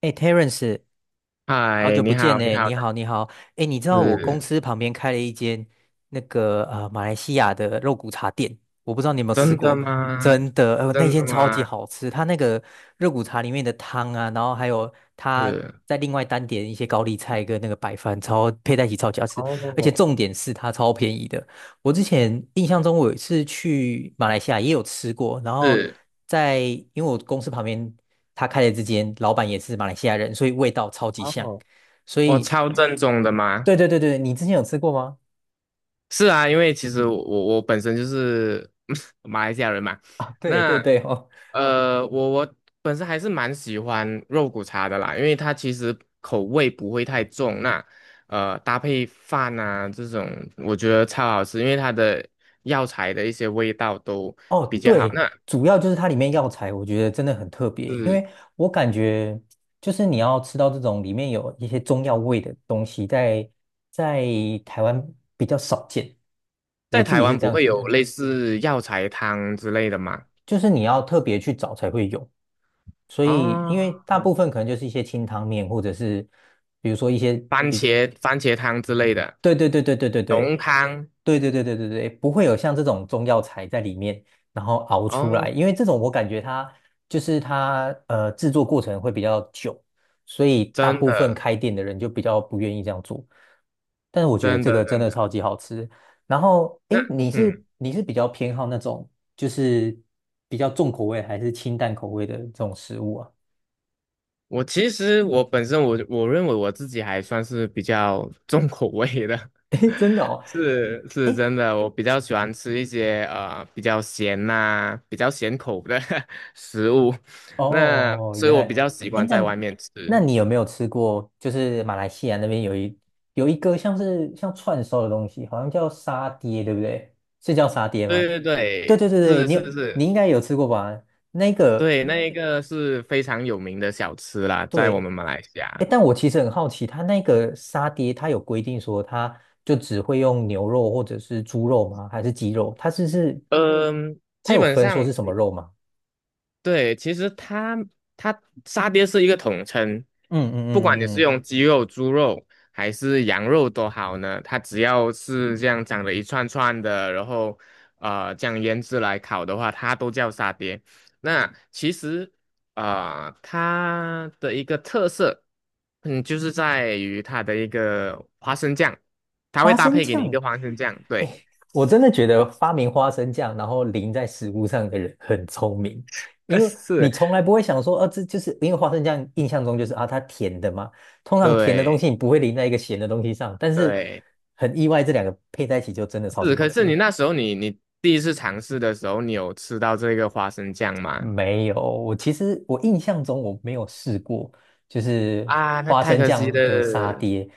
哎，Terence，好嗨，久你不见好，你呢，好。你好，你好。哎，你知道我公是司旁边开了一间那个马来西亚的肉骨茶店，我不知道你有没有吃真的过。吗？真的，那真的间超吗？级好吃，它那个肉骨茶里面的汤啊，然后还有它是在另外单点一些高丽菜跟那个白饭，超配在一起超级好吃，而且哦，重点是它超便宜的。我之前印象中我有一次去马来西亚也有吃过，然后是在因为我公司旁边他开的这间，老板也是马来西亚人，所以味道超级像。哦。所我以，超正宗的吗？对对对对，你之前有吃过吗？是啊，因为其实我本身就是 马来西亚人嘛。啊，对对那对哦。我本身还是蛮喜欢肉骨茶的啦，因为它其实口味不会太重。那搭配饭啊这种，我觉得超好吃，因为它的药材的一些味道都哦，比较好。对，那主要就是它里面药材，我觉得真的很特别，因是。为我感觉就是你要吃到这种里面有一些中药味的东西在，在台湾比较少见，我在自台己是湾这不样会觉有得。类似药材汤之类的吗？就是你要特别去找才会有，所以哦，因为大部分可能就是一些清汤面，或者是比如说一些。番比。茄番茄汤之类的，对对对对对对浓对。汤。对对对对对对，不会有像这种中药材在里面，然后熬出哦，来，因为这种我感觉它就是它制作过程会比较久，所以大真部分的开店的人就比较不愿意这样做。但是我觉得真这的个真真的的。超级好吃。然后，那诶，你是嗯，你是比较偏好那种就是比较重口味还是清淡口味的这种食物啊？我其实我本身我认为我自己还算是比较重口味的。诶，真的哦。是是真的，我比较喜欢吃一些比较咸呐、比较咸口的 食物，哦，那哦所以原我来，比较习哎，惯那在外面那吃。你有没有吃过？就是马来西亚那边有一个像是像串烧的东西，好像叫沙爹，对不对？是叫沙爹对吗？对对对，对对对，是你是有你是，应该有吃过吧？那个对，那一个是非常有名的小吃啦，在我对。们马来西哎，亚。但我其实很好奇，它那个沙爹，它有规定说它就只会用牛肉或者是猪肉吗？还是鸡肉？嗯，它基有本分说上是什么肉吗？对，其实它沙爹是一个统称，嗯嗯不管你嗯嗯是嗯。用鸡肉、猪肉还是羊肉都好呢，它只要是这样长得一串串的，然后这样腌制来烤的话，它都叫沙爹。那其实它的一个特色，嗯，就是在于它的一个花生酱，它会花搭生配给你一酱，个花生酱，对。我真的觉得发明花生酱然后淋在食物上的人很聪明，因为你是，从来不会想说，啊，这就是因为花生酱印象中就是啊，它甜的嘛，通常甜的东对西你不会淋在一个咸的东西上，但是对。很意外，这两个配在一起就真的超级是，好可是你吃。那时候你第一次尝试的时候，你有吃到这个花生酱吗？没有，我其实我印象中我没有试过，就是啊，那花太生可惜酱的沙了。爹。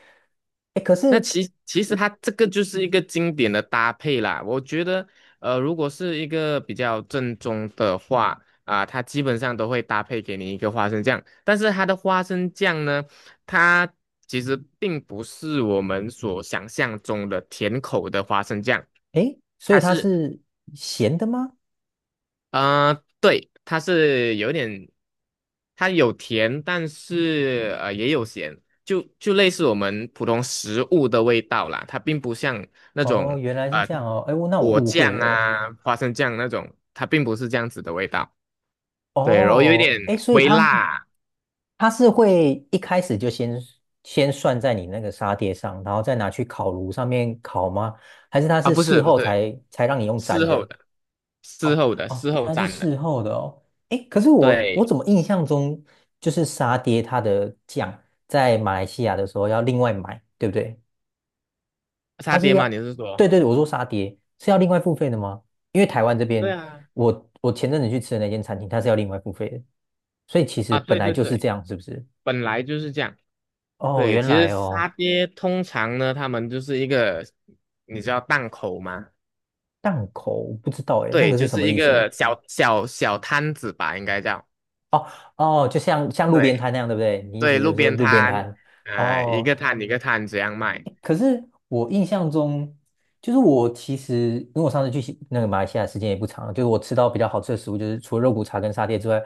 哎，可那是其实它这个就是一个经典的搭配啦。我觉得，如果是一个比较正宗的话，啊、它基本上都会搭配给你一个花生酱。但是它的花生酱呢，它其实并不是我们所想象中的甜口的花生酱。哎，诶所以它它是是咸的吗？对，它是有点，它有甜，但是也有咸，就类似我们普通食物的味道啦。它并不像那哦，种原来是呃这样哦，哎，我那我果误会酱了。啊、花生酱那种，它并不是这样子的味道。对，然后有一点哦，哎，所以微它辣它是会一开始就先算在你那个沙爹上，然后再拿去烤炉上面烤吗？还是它啊，是不事是不后是，才才让你用粘事后的？的，事哦后的，哦，事原后来是蘸的。事后的哦。哎，可是我对，怎么印象中就是沙爹它的酱在马来西亚的时候要另外买，对不对？沙它是爹要，吗？你是说？对对对，我说沙爹是要另外付费的吗？因为台湾这对边，啊，我前阵子去吃的那间餐厅，它是要另外付费的，所以其实啊，本对来对就是对，这样，是不是？本来就是这样。哦，对，原其实来沙哦。爹通常呢，他们就是一个，你知道档口吗？档口我不知道诶，那对，个是就什是么一意思？个小小小摊子吧，应该叫。哦哦，就像像路边对摊那样，对不对？你意对，思就路是说边路边摊，摊？一哦个摊一个摊这样卖。可是我印象中，就是我其实因为我上次去西那个马来西亚时间也不长，就是我吃到比较好吃的食物，就是除了肉骨茶跟沙爹之外，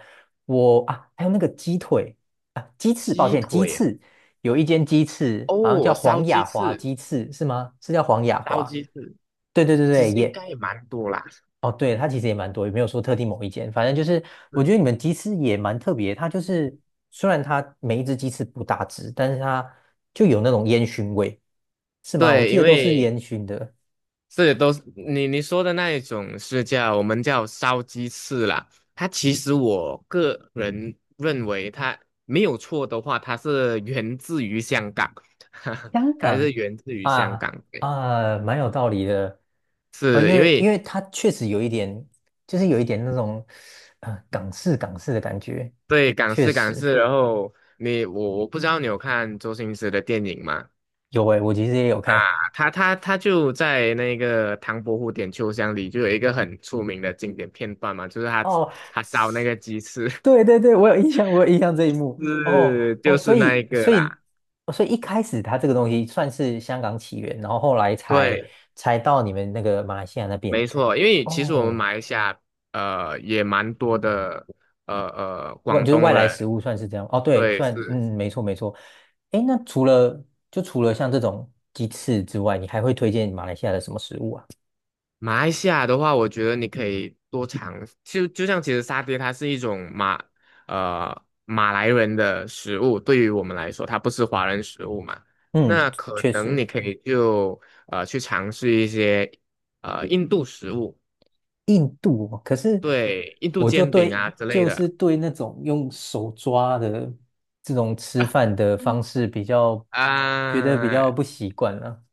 我啊还有那个鸡腿啊鸡翅，抱鸡歉鸡腿翅，有一间鸡翅好像叫哦，烧黄鸡雅华翅，鸡翅是吗？是叫黄雅烧华？鸡翅，对对对其对，实应耶。该也蛮多啦。哦，对，它其实也蛮多，也没有说特定某一间，反正就是我是觉得你们鸡翅也蛮特别。它就是虽然它每一只鸡翅不大只，但是它就有那种烟熏味，是吗？我对，记因得都是为烟熏的。是，都是你说的那一种是叫我们叫烧鸡翅啦。它其实我个人认为它没有错的话，它是源自于香港。香它是港。源自于香啊，港。对，啊，蛮有道理的。是因因为因为为它确实有一点，就是有一点那种港式的感觉，对港确式港实。式，然后你我不知道你有看周星驰的电影吗？有诶，我其实也有看。啊，他就在那个唐伯虎点秋香里就有一个很出名的经典片段嘛，就是他哦，他烧那个鸡翅。对对对，我有印象，我有印象这一幕。哦是，哦，就所是那一以个所以啦。哦所以一开始它这个东西算是香港起源，然后后来才对，才到你们那个马来西亚那边。没错，因为其实我们哦，马来西亚也蛮多的外广就是外东来人。食物算是这样。哦，对，对，算是嗯，没错没错。诶，那除了就除了像这种鸡翅之外，你还会推荐马来西亚的什么食物啊？马来西亚的话，我觉得你可以多尝，就像其实沙爹它是一种马来人的食物，对于我们来说，它不是华人食物嘛。嗯，那可确能实。你可以就去尝试一些印度食物，印度哦可是对，印度我就煎饼对，啊之类就是的。对那种用手抓的这种吃饭 的方式比较觉得比啊，较不习惯了。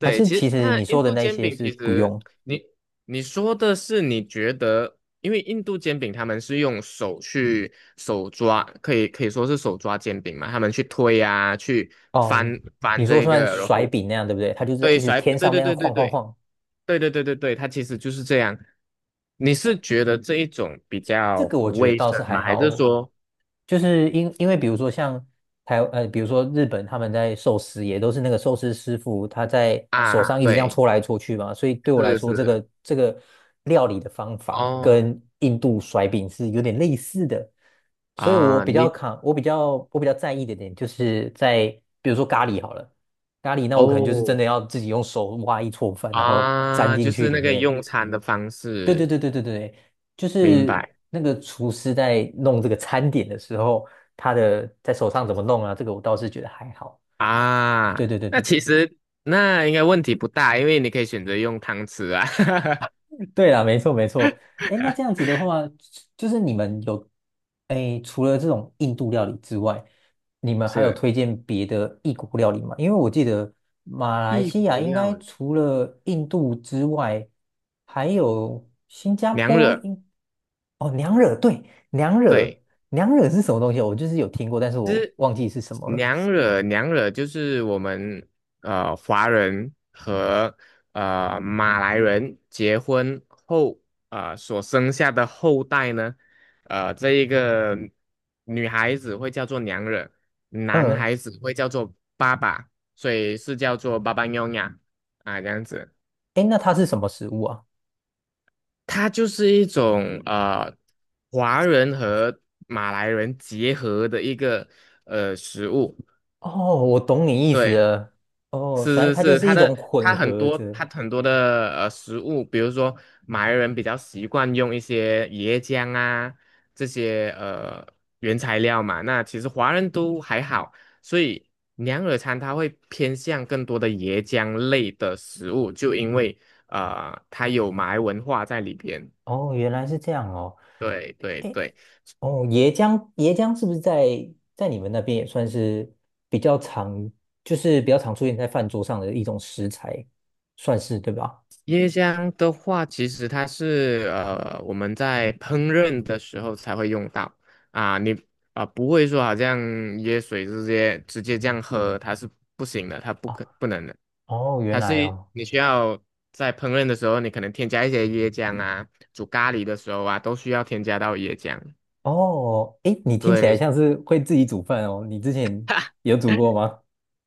还是其其实实那你说印的度那一煎些饼是其不实用你你说的是你觉得，因为印度煎饼他们是用手去手抓，可以说是手抓煎饼嘛，他们去推啊，去哦，翻翻你说这算个，然甩后饼那样对不对？它就是对一直甩，天对上那对样对对晃晃对晃。对对对对对，它其实就是这样。你是觉得这一种比这较个我不觉得卫倒生是还吗？还是好，说就是因为比如说像台，比如说日本他们在寿司也都是那个寿司师傅他在手上啊，一直这样对，搓来搓去嘛，所以对我来是说这是个这个料理的方法哦跟印度甩饼是有点类似的，所以我啊，比较你扛，我比较在意的点就是在比如说咖喱好了，咖喱那我可能就是真哦。的要自己用手挖一撮饭，然后粘啊，进就去是里那个面。用餐的方对对式，对对对对，就明是白那个厨师在弄这个餐点的时候，他的在手上怎么弄啊？这个我倒是觉得还好。啊？对对对那对其对，实那应该问题不大，因为你可以选择用汤匙啊。对啦，没错没错。哎，那这样子的话，就是你们有，哎，除了这种印度料理之外，你们还有是推荐别的异国料理吗？因为我记得马来一西亚股应料该理，除了印度之外，还有新加娘坡惹，应。哦，娘惹，对，娘惹。对。娘惹是什么东西？我就是有听过，但是我忘记是什么了。娘惹娘惹就是我们华人和马来人结婚后所生下的后代呢，这一个女孩子会叫做娘惹，男嗯，孩子会叫做爸爸，所以是叫做爸爸娘呀啊这样子。哎，那它是什么食物啊？它就是一种华人和马来人结合的一个食物。哦，我懂你意思对，了。哦，反正是是它就是，他是它一种的它混很合多着。它很多的食物，比如说马来人比较习惯用一些椰浆啊这些原材料嘛。那其实华人都还好，所以娘惹餐它会偏向更多的椰浆类的食物，就因为它有马来文化在里边。哦，原来是这样哦。对对诶，对。哦，椰浆，椰浆是不是在在你们那边也算是比较常，就是比较常出现在饭桌上的一种食材，算是对吧？椰浆的话，其实它是我们在烹饪的时候才会用到啊，你啊、不会说好像椰水直接这样喝，它是不行的，它不哦，可不能的。哦，原它是来哦，你需要在烹饪的时候，你可能添加一些椰浆啊，煮咖喱的时候啊，都需要添加到椰浆。哦，诶，你听起对，来像是会自己煮饭哦。你之前 有煮过吗？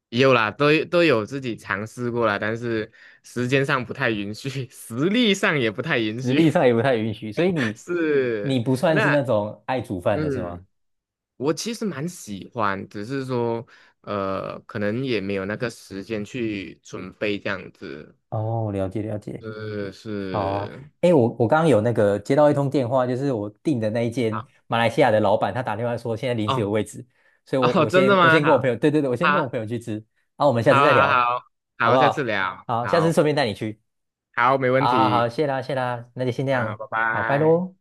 有啦，都有自己尝试过啦，但是时间上不太允许，实力上也不太允实许。力上也不太允许，所以 你你是，不算是那那种爱煮饭的是嗯，吗？我其实蛮喜欢，只是说，可能也没有那个时间去准备这样子。哦，了解了解。是好啊，是，哎，我刚刚有那个接到一通电话，就是我订的那一间好马来西亚的老板，他打电话说现在临时有哦 位置，所 以我哦，我真的先我吗？先跟我好，朋友，对对对，我先跟我好，朋友去吃，然后我们下次好，再好，聊，好，好不好，下次好？聊，好，下次好，顺便带你去，好，没问好好题，好，谢啦谢啦，那就先这好，样，拜好，拜拜。喽。